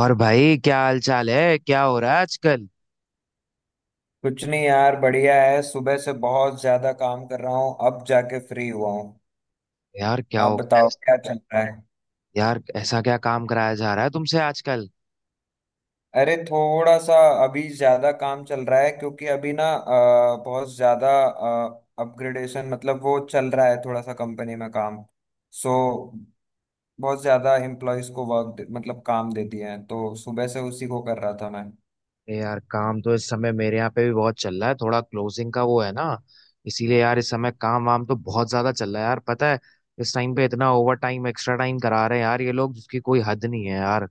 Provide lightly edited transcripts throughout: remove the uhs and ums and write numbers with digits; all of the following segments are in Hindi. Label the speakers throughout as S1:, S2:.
S1: और भाई क्या हाल चाल है, क्या हो रहा है आजकल।
S2: कुछ नहीं यार, बढ़िया है। सुबह से बहुत ज्यादा काम कर रहा हूँ, अब जाके फ्री हुआ हूँ।
S1: यार क्या
S2: आप
S1: हो गया।
S2: बताओ क्या चल रहा है।
S1: यार ऐसा क्या काम कराया जा रहा है तुमसे आजकल।
S2: अरे थोड़ा सा। अभी ज्यादा काम चल रहा है क्योंकि अभी ना बहुत ज्यादा अपग्रेडेशन मतलब वो चल रहा है थोड़ा सा कंपनी में काम। सो बहुत ज्यादा एम्प्लॉयज को वर्क मतलब काम दे दिए हैं, तो सुबह से उसी को कर रहा था मैं।
S1: ए यार काम तो इस समय मेरे यहाँ पे भी बहुत चल रहा है, थोड़ा क्लोजिंग का वो है ना। इसीलिए यार इस समय काम वाम तो बहुत ज्यादा चल रहा है यार, पता है। इस टाइम पे इतना ओवर टाइम एक्स्ट्रा टाइम करा रहे हैं यार ये लोग, जिसकी कोई हद नहीं है यार।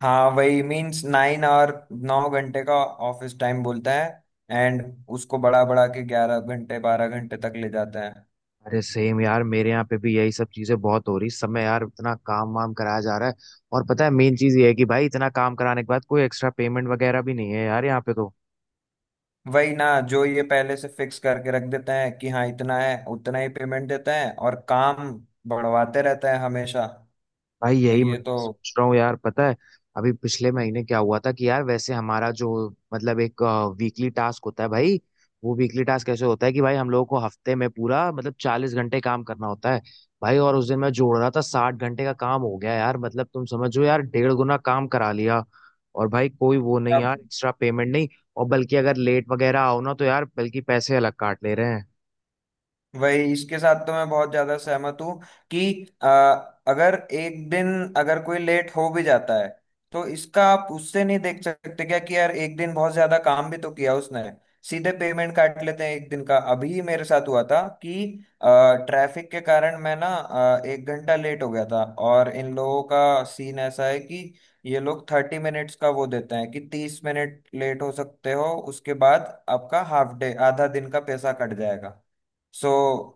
S2: हाँ, वही मीन्स 9 और 9 घंटे का ऑफिस टाइम बोलता है एंड उसको बढ़ा बढ़ा के 11 घंटे 12 घंटे तक ले जाता है।
S1: अरे सेम यार मेरे यहाँ पे भी यही सब चीजें बहुत हो रही इस समय यार, इतना काम वाम कराया जा रहा है। और पता है मेन चीज ये है कि भाई इतना काम कराने के बाद कोई एक्स्ट्रा पेमेंट वगैरह भी नहीं है यार यहाँ पे तो।
S2: वही ना। जो ये पहले से फिक्स करके रख देते हैं कि हाँ इतना है, उतना ही पेमेंट देते हैं और काम बढ़वाते रहता है हमेशा।
S1: भाई
S2: तो
S1: यही
S2: ये
S1: मैं भी
S2: तो
S1: सोच रहा हूँ यार, पता है। अभी पिछले महीने क्या हुआ था कि यार वैसे हमारा जो मतलब एक वीकली टास्क होता है भाई, वो वीकली टास्क कैसे होता है कि भाई हम लोगों को हफ्ते में पूरा मतलब 40 घंटे काम करना होता है भाई। और उस दिन मैं जोड़ रहा था 60 घंटे का काम हो गया यार, मतलब तुम समझो यार 1.5 गुना काम करा लिया। और भाई कोई वो नहीं यार, एक्स्ट्रा पेमेंट नहीं। और बल्कि अगर लेट वगैरह आओ ना तो यार बल्कि पैसे अलग काट ले रहे हैं।
S2: वही, इसके साथ तो मैं बहुत ज्यादा सहमत हूँ कि आ, अगर एक दिन, अगर कोई लेट हो भी जाता है तो इसका आप उससे नहीं देख सकते क्या कि यार एक दिन बहुत ज्यादा काम भी तो किया उसने। सीधे पेमेंट काट लेते हैं एक दिन का। अभी मेरे साथ हुआ था कि ट्रैफिक के कारण मैं ना 1 घंटा लेट हो गया था, और इन लोगों का सीन ऐसा है कि ये लोग 30 मिनट्स का वो देते हैं कि 30 मिनट लेट हो सकते हो। उसके बाद आपका हाफ डे आधा दिन का पैसा कट जाएगा। सो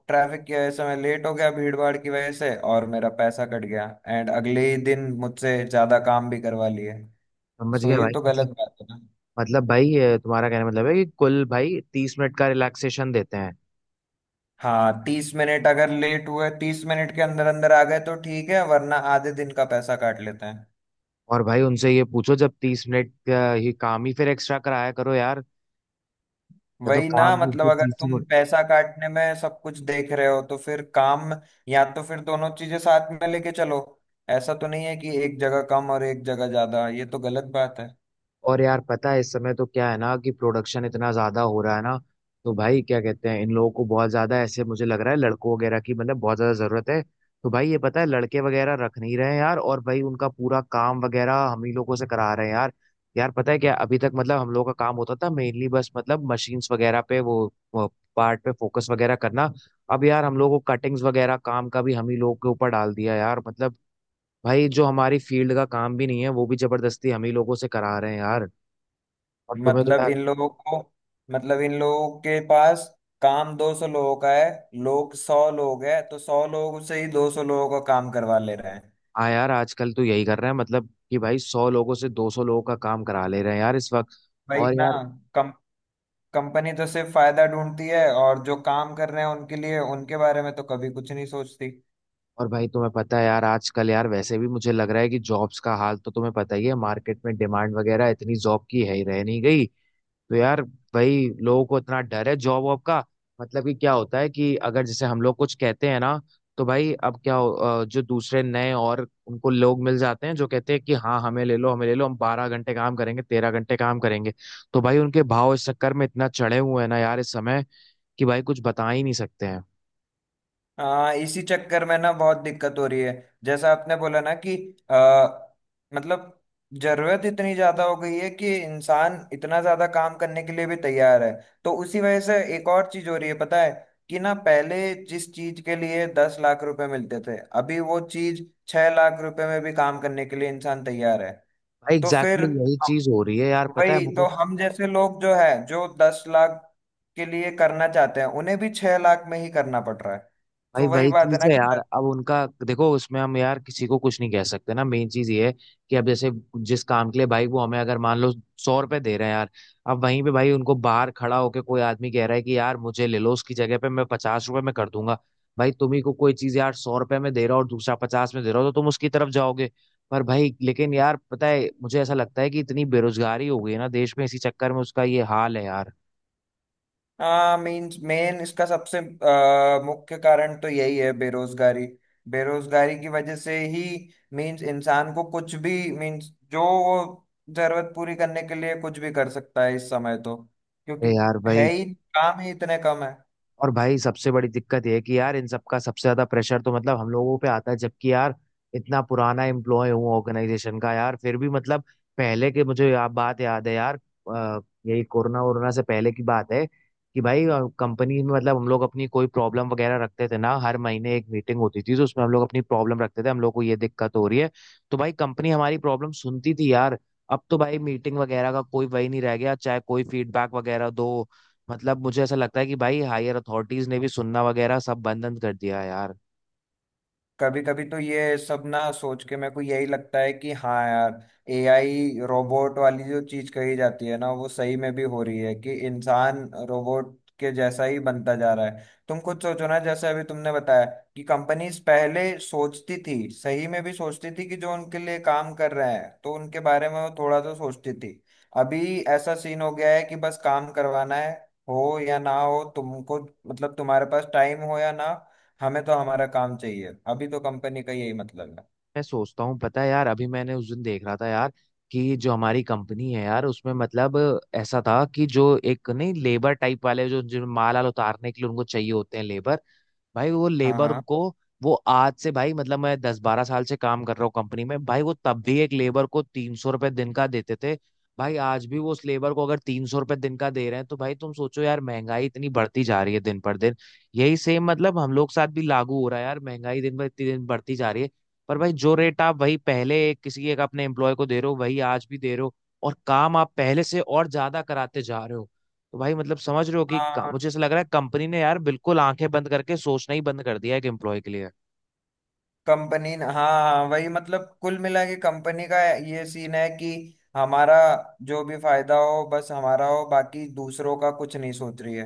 S2: ट्रैफिक की वजह से मैं लेट हो गया, भीड़ भाड़ की वजह से, और मेरा पैसा कट गया एंड अगले ही दिन मुझसे ज्यादा काम भी करवा लिए।
S1: समझ
S2: सो
S1: गया
S2: ये
S1: भाई,
S2: तो गलत
S1: मतलब
S2: बात है ना।
S1: मतलब भाई ये तुम्हारा कहने का मतलब है कि कुल भाई 30 मिनट का रिलैक्सेशन देते हैं।
S2: हाँ, 30 मिनट अगर लेट हुए, 30 मिनट के अंदर अंदर आ गए तो ठीक है वरना आधे दिन का पैसा काट लेते हैं।
S1: और भाई उनसे ये पूछो जब 30 मिनट का ही काम ही फिर एक्स्ट्रा कराया करो यार, या तो
S2: वही ना।
S1: काम भी
S2: मतलब
S1: फिर
S2: अगर
S1: 30 ही।
S2: तुम पैसा काटने में सब कुछ देख रहे हो तो फिर काम, या तो फिर दोनों चीजें साथ में लेके चलो। ऐसा तो नहीं है कि एक जगह कम और एक जगह ज्यादा, ये तो गलत बात है।
S1: और यार पता है इस समय तो क्या है ना कि प्रोडक्शन इतना ज्यादा हो रहा है ना, तो भाई क्या कहते हैं इन लोगों को बहुत ज्यादा ऐसे मुझे लग रहा है लड़कों वगैरह की मतलब बहुत ज्यादा जरूरत है। तो भाई ये पता है लड़के वगैरह रख नहीं रहे हैं यार, और भाई उनका पूरा काम वगैरह हम ही लोगों से करा रहे हैं यार। यार पता है क्या अभी तक मतलब हम लोगों का काम होता था मेनली बस मतलब मशीन्स वगैरह पे वो पार्ट पे फोकस वगैरह करना। अब यार हम लोगों को कटिंग्स वगैरह काम का भी हम ही लोगों के ऊपर डाल दिया यार, मतलब भाई जो हमारी फील्ड का काम भी नहीं है वो भी जबरदस्ती हम ही लोगों से करा रहे हैं यार। और तुम्हें तो
S2: मतलब
S1: यार
S2: इन लोगों को मतलब इन लोगों के पास काम 200 लोगों का है। लोग 100 लोग हैं तो 100 लोग से ही 200 लोगों का काम करवा ले रहे हैं।
S1: हाँ यार आजकल तो यही कर रहे हैं मतलब कि भाई 100 लोगों से 200 लोगों का काम करा ले रहे हैं यार इस वक्त।
S2: भाई
S1: और
S2: ना।
S1: यार
S2: कम कंपनी तो सिर्फ फायदा ढूंढती है, और जो काम कर रहे हैं उनके लिए, उनके बारे में तो कभी कुछ नहीं सोचती।
S1: और भाई तुम्हें पता है यार आजकल यार वैसे भी मुझे लग रहा है कि जॉब्स का हाल तो तुम्हें पता ही है, मार्केट में डिमांड वगैरह इतनी जॉब की है ही रह नहीं गई। तो यार भाई लोगों को इतना डर है जॉब वॉब का, मतलब कि क्या होता है कि अगर जैसे हम लोग कुछ कहते हैं ना तो भाई अब जो दूसरे नए और उनको लोग मिल जाते हैं जो कहते हैं कि हाँ हमें ले लो हम 12 घंटे काम करेंगे 13 घंटे काम करेंगे। तो भाई उनके भाव इस चक्कर में इतना चढ़े हुए हैं ना यार इस समय, कि भाई कुछ बता ही नहीं सकते हैं।
S2: हाँ, इसी चक्कर में ना बहुत दिक्कत हो रही है। जैसा आपने बोला ना कि आ, मतलब जरूरत इतनी ज्यादा हो गई है कि इंसान इतना ज्यादा काम करने के लिए भी तैयार है। तो उसी वजह से एक और चीज हो रही है पता है, कि ना पहले जिस चीज के लिए 10 लाख रुपए मिलते थे, अभी वो चीज 6 लाख रुपए में भी काम करने के लिए इंसान तैयार है।
S1: भाई
S2: तो फिर
S1: एग्जैक्टली exactly यही
S2: हम-
S1: चीज हो रही है यार पता है
S2: वही तो,
S1: मतलब।
S2: हम जैसे लोग जो है जो 10 लाख के लिए करना चाहते हैं उन्हें भी 6 लाख में ही करना पड़ रहा है।
S1: भाई
S2: तो वही
S1: वही
S2: बात है
S1: चीज
S2: ना
S1: है
S2: कि
S1: यार, अब उनका देखो उसमें हम यार किसी को कुछ नहीं कह सकते ना, मेन चीज ये है कि अब जैसे जिस काम के लिए भाई वो हमें अगर मान लो 100 रुपए दे रहे हैं यार, अब वहीं पे भाई उनको बाहर खड़ा होके कोई आदमी कह रहा है कि यार मुझे ले लो उसकी जगह पे मैं 50 रुपए में कर दूंगा। भाई तुम्ही को कोई चीज यार 100 रुपए में दे रहा हो और दूसरा 50 में दे रहा हो तो तुम उसकी तरफ जाओगे। पर भाई लेकिन यार पता है मुझे ऐसा लगता है कि इतनी बेरोजगारी हो गई है ना देश में, इसी चक्कर में उसका ये हाल है यार।
S2: हाँ, मेन मेन इसका सबसे मुख्य कारण तो यही है बेरोजगारी। बेरोजगारी की वजह से ही मीन्स इंसान को कुछ भी, मीन्स जो वो जरूरत पूरी करने के लिए कुछ भी कर सकता है इस समय तो। क्योंकि
S1: अरे यार
S2: है
S1: भाई,
S2: ही, काम ही इतने कम है।
S1: और भाई सबसे बड़ी दिक्कत ये है कि यार इन सबका सबसे ज्यादा प्रेशर तो मतलब हम लोगों पे आता है, जबकि यार इतना पुराना एम्प्लॉय हूँ ऑर्गेनाइजेशन का यार, फिर भी मतलब पहले के मुझे बात याद है यार। अ, यही कोरोना वोरोना से पहले की बात है कि भाई कंपनी में मतलब हम लोग अपनी कोई प्रॉब्लम वगैरह रखते थे ना, हर महीने एक मीटिंग होती थी तो उसमें हम लोग अपनी प्रॉब्लम रखते थे हम लोग को ये दिक्कत हो रही है, तो भाई कंपनी हमारी प्रॉब्लम सुनती थी यार। अब तो भाई मीटिंग वगैरह का कोई वही नहीं रह गया चाहे कोई फीडबैक वगैरह दो, मतलब मुझे ऐसा लगता है कि भाई हायर अथॉरिटीज ने भी सुनना वगैरह सब बंद बंद कर दिया है यार।
S2: कभी कभी तो ये सब ना सोच के मेरे को यही लगता है कि हाँ यार, एआई रोबोट वाली जो चीज कही जाती है ना वो सही में भी हो रही है कि इंसान रोबोट के जैसा ही बनता जा रहा है। तुम खुद सोचो ना, जैसे अभी तुमने बताया कि कंपनीज पहले सोचती थी, सही में भी सोचती थी कि जो उनके लिए काम कर रहे हैं तो उनके बारे में वो थोड़ा तो सोचती थी। अभी ऐसा सीन हो गया है कि बस काम करवाना है, हो या ना हो तुमको, मतलब तुम्हारे पास टाइम हो या ना, हमें तो हमारा काम चाहिए, अभी तो कंपनी का यही मतलब है।
S1: मैं सोचता हूँ पता है यार, अभी मैंने उस दिन देख रहा था यार कि जो हमारी कंपनी है यार उसमें मतलब ऐसा था कि जो एक नहीं लेबर टाइप वाले जो जो माल आल उतारने के लिए उनको चाहिए होते हैं लेबर, भाई वो
S2: हाँ,
S1: लेबर
S2: हाँ,
S1: को वो आज से भाई मतलब मैं 10-12 साल से काम कर रहा हूँ कंपनी में, भाई वो तब भी एक लेबर को 300 रुपये दिन का देते थे। भाई आज भी वो उस लेबर को अगर 300 रुपये दिन का दे रहे हैं तो भाई तुम सोचो यार महंगाई इतनी बढ़ती जा रही है दिन पर दिन। यही सेम मतलब हम लोग के साथ भी लागू हो रहा है यार, महंगाई दिन पर इतनी दिन बढ़ती जा रही है। पर भाई जो रेट आप वही पहले एक किसी एक अपने एम्प्लॉय को दे रहे हो वही आज भी दे रहे हो, और काम आप पहले से और ज्यादा कराते जा रहे हो। तो भाई मतलब समझ रहे हो कि
S2: हाँ।
S1: मुझे ऐसा लग रहा है कंपनी ने यार बिल्कुल आंखें बंद करके सोचना ही बंद कर दिया है एक एम्प्लॉय के लिए।
S2: कंपनी, हाँ, हाँ, वही मतलब कुल मिला के कंपनी का ये सीन है कि हमारा जो भी फायदा हो बस हमारा हो, बाकी दूसरों का कुछ नहीं सोच रही है।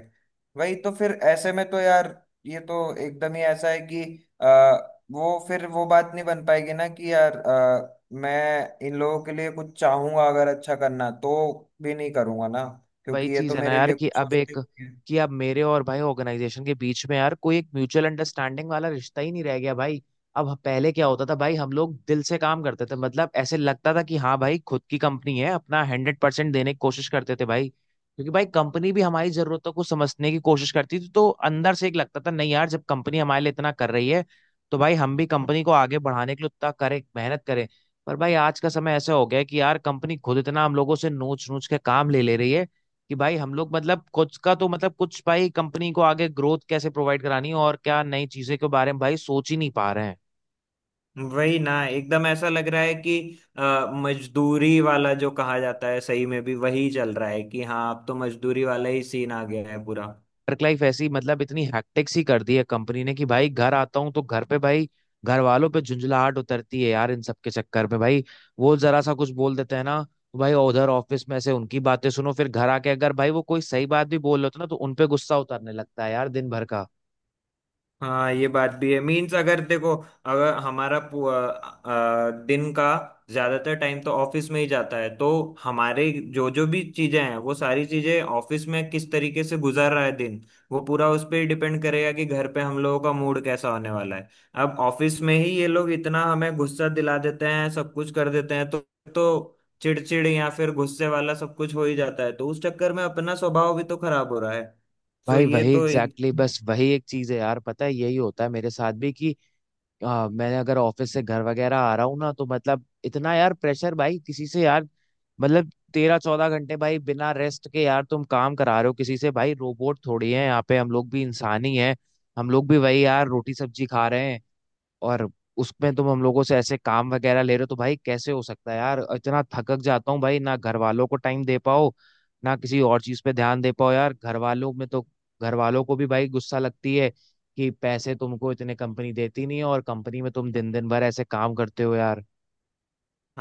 S2: वही तो फिर ऐसे में तो यार ये तो एकदम ही ऐसा है कि आ, वो फिर वो बात नहीं बन पाएगी ना कि यार मैं इन लोगों के लिए कुछ चाहूंगा, अगर अच्छा करना तो भी नहीं करूंगा ना,
S1: वही
S2: क्योंकि ये
S1: चीज
S2: तो
S1: है ना
S2: मेरे
S1: यार,
S2: लिए कुछ सोचते ही नहीं है।
S1: कि अब मेरे और भाई ऑर्गेनाइजेशन के बीच में यार कोई एक म्यूचुअल अंडरस्टैंडिंग वाला रिश्ता ही नहीं रह गया भाई। अब पहले क्या होता था भाई हम लोग दिल से काम करते थे, मतलब ऐसे लगता था कि हाँ भाई खुद की कंपनी है, अपना 100% देने की कोशिश करते थे भाई, क्योंकि भाई कंपनी भी हमारी जरूरतों को समझने की कोशिश करती थी, तो अंदर से एक लगता था नहीं यार जब कंपनी हमारे लिए इतना कर रही है तो भाई हम भी कंपनी को आगे बढ़ाने के लिए उतना करें, मेहनत करें। पर भाई आज का समय ऐसा हो गया है कि यार कंपनी खुद इतना हम लोगों से नोच नोच के काम ले ले रही है कि भाई हम लोग मतलब कुछ का तो मतलब कुछ भाई कंपनी को आगे ग्रोथ कैसे प्रोवाइड करानी है और क्या नई चीजें के बारे में भाई सोच ही नहीं पा रहे हैं।
S2: वही ना। एकदम ऐसा लग रहा है कि अ, मजदूरी वाला जो कहा जाता है सही में भी वही चल रहा है कि हाँ अब तो मजदूरी वाला ही सीन आ गया है पूरा।
S1: वर्क लाइफ ऐसी मतलब इतनी हैक्टिक सी कर दी है कंपनी ने कि भाई घर आता हूँ तो घर पे भाई घर वालों पे झुंझलाहट उतरती है यार, इन सब के चक्कर में भाई वो जरा सा कुछ बोल देते हैं ना तो भाई उधर ऑफिस में से उनकी बातें सुनो फिर घर आके अगर भाई वो कोई सही बात भी बोल रहे हो ना तो उनपे गुस्सा उतरने लगता है यार दिन भर का।
S2: हाँ, ये बात भी है। मीन्स अगर देखो, अगर हमारा पू- अ, अ, दिन का ज्यादातर टाइम तो ऑफिस में ही जाता है, तो हमारे जो जो भी चीजें हैं, वो सारी चीजें ऑफिस में किस तरीके से गुजार रहा है दिन, वो पूरा उस पे डिपेंड करेगा कि घर पे हम लोगों का मूड कैसा होने वाला है। अब ऑफिस में ही ये लोग इतना हमें गुस्सा दिला देते हैं, सब कुछ कर देते हैं, तो चिड़चिड़ या फिर गुस्से वाला सब कुछ हो ही जाता है, तो उस चक्कर में अपना स्वभाव भी तो खराब हो रहा है। सो
S1: भाई
S2: ये
S1: वही
S2: तो
S1: एग्जैक्टली exactly, बस वही एक चीज है यार, पता है यही होता है मेरे साथ भी कि मैंने अगर ऑफिस से घर वगैरह आ रहा हूँ ना तो मतलब इतना यार प्रेशर भाई किसी से यार, मतलब 13-14 घंटे भाई बिना रेस्ट के यार तुम काम करा रहे हो किसी से, भाई रोबोट थोड़ी है, यहाँ पे हम लोग भी इंसान ही हैं। हम लोग भी वही यार रोटी सब्जी खा रहे हैं, और उसमें तुम हम लोगों से ऐसे काम वगैरह ले रहे हो, तो भाई कैसे हो सकता है यार, इतना थकक जाता हूँ भाई, ना घर वालों को टाइम दे पाओ ना किसी और चीज पे ध्यान दे पाओ यार, घर वालों में तो घर वालों को भी भाई गुस्सा लगती है कि पैसे तुमको इतने कंपनी देती नहीं है और कंपनी में तुम दिन दिन भर ऐसे काम करते हो यार।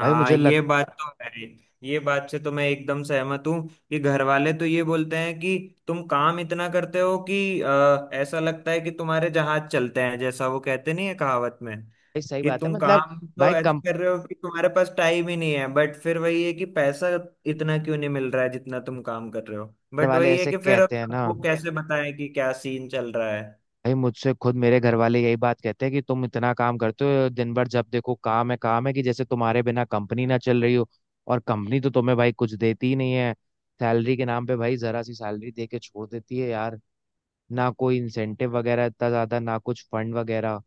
S1: भाई मुझे
S2: ये
S1: लगता
S2: बात तो है। ये बात से तो मैं एकदम सहमत हूँ कि घर वाले तो ये बोलते हैं कि तुम काम इतना करते हो कि ऐसा लगता है कि तुम्हारे जहाज चलते हैं, जैसा वो कहते नहीं है कहावत में।
S1: है सही
S2: कि
S1: बात है
S2: तुम
S1: मतलब।
S2: काम तो
S1: भाई
S2: ऐसे
S1: कंपनी
S2: कर रहे हो कि तुम्हारे पास टाइम ही नहीं है, बट फिर वही है कि पैसा इतना क्यों नहीं मिल रहा है जितना तुम काम कर रहे हो। बट
S1: वाले
S2: वही है
S1: ऐसे
S2: कि फिर अब
S1: कहते हैं ना,
S2: सबको कैसे बताएं कि क्या सीन चल रहा है।
S1: भाई मुझसे खुद मेरे घर वाले यही बात कहते हैं कि तुम इतना काम करते हो दिन भर, जब देखो काम है काम है, कि जैसे तुम्हारे बिना कंपनी ना चल रही हो, और कंपनी तो तुम्हें भाई कुछ देती ही नहीं है। सैलरी के नाम पे भाई जरा सी सैलरी दे के छोड़ देती है यार, ना कोई इंसेंटिव वगैरह इतना ज्यादा ना कुछ फंड वगैरह।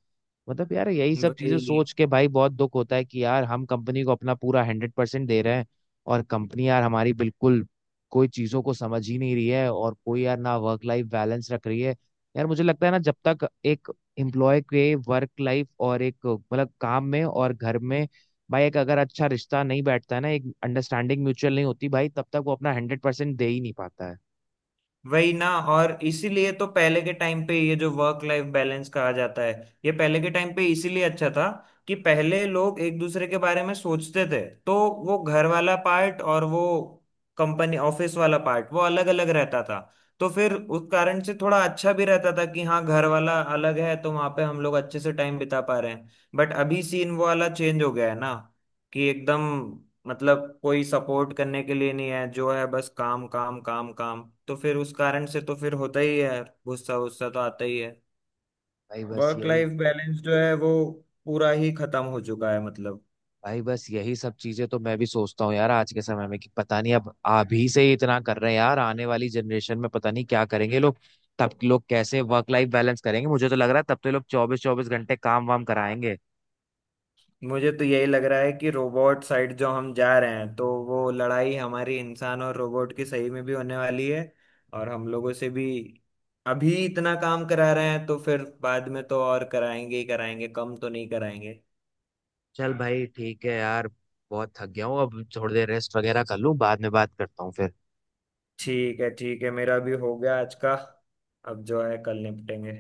S1: मतलब यार यही सब चीजें
S2: वही
S1: सोच के भाई बहुत दुख होता है कि यार हम कंपनी को अपना पूरा 100% दे रहे हैं, और कंपनी यार हमारी बिल्कुल कोई चीजों को समझ ही नहीं रही है और कोई यार ना वर्क लाइफ बैलेंस रख रही है। यार मुझे लगता है ना जब तक एक एम्प्लॉय के वर्क लाइफ और एक मतलब काम में और घर में भाई एक अगर अच्छा रिश्ता नहीं बैठता है ना, एक अंडरस्टैंडिंग म्यूचुअल नहीं होती, भाई तब तक वो अपना 100% दे ही नहीं पाता है।
S2: वही ना। और इसीलिए तो पहले के टाइम पे ये जो वर्क लाइफ बैलेंस कहा जाता है, ये पहले के टाइम पे इसीलिए अच्छा था कि पहले लोग एक दूसरे के बारे में सोचते थे। तो वो घर वाला पार्ट और वो कंपनी ऑफिस वाला पार्ट वो अलग अलग रहता था। तो फिर उस कारण से थोड़ा अच्छा भी रहता था कि हाँ घर वाला अलग है तो वहां पे हम लोग अच्छे से टाइम बिता पा रहे हैं। बट अभी सीन वो वाला चेंज हो गया है ना, कि एकदम मतलब कोई सपोर्ट करने के लिए नहीं है, जो है बस काम काम काम काम, तो फिर उस कारण से तो फिर होता ही है, गुस्सा गुस्सा तो आता ही है।
S1: भाई बस
S2: वर्क
S1: यही
S2: लाइफ बैलेंस जो है वो पूरा ही खत्म हो चुका है मतलब।
S1: भाई बस यही सब चीजें तो मैं भी सोचता हूँ यार आज के समय में, कि पता नहीं अब अभी से ही इतना कर रहे हैं यार आने वाली जनरेशन में पता नहीं क्या करेंगे लोग। तब लोग कैसे वर्क लाइफ बैलेंस करेंगे, मुझे तो लग रहा है तब तो लोग 24-24 घंटे काम वाम कराएंगे।
S2: मुझे तो यही लग रहा है कि रोबोट साइड जो हम जा रहे हैं तो वो लड़ाई हमारी इंसान और रोबोट की सही में भी होने वाली है। और हम लोगों से भी अभी इतना काम करा रहे हैं तो फिर बाद में तो और कराएंगे ही कराएंगे, कम तो नहीं कराएंगे।
S1: चल भाई ठीक है यार, बहुत थक गया हूँ अब थोड़ी देर रेस्ट वगैरह कर लूँ, बाद में बात करता हूँ फिर।
S2: ठीक है, ठीक है, मेरा भी हो गया आज का। अब जो है कल निपटेंगे।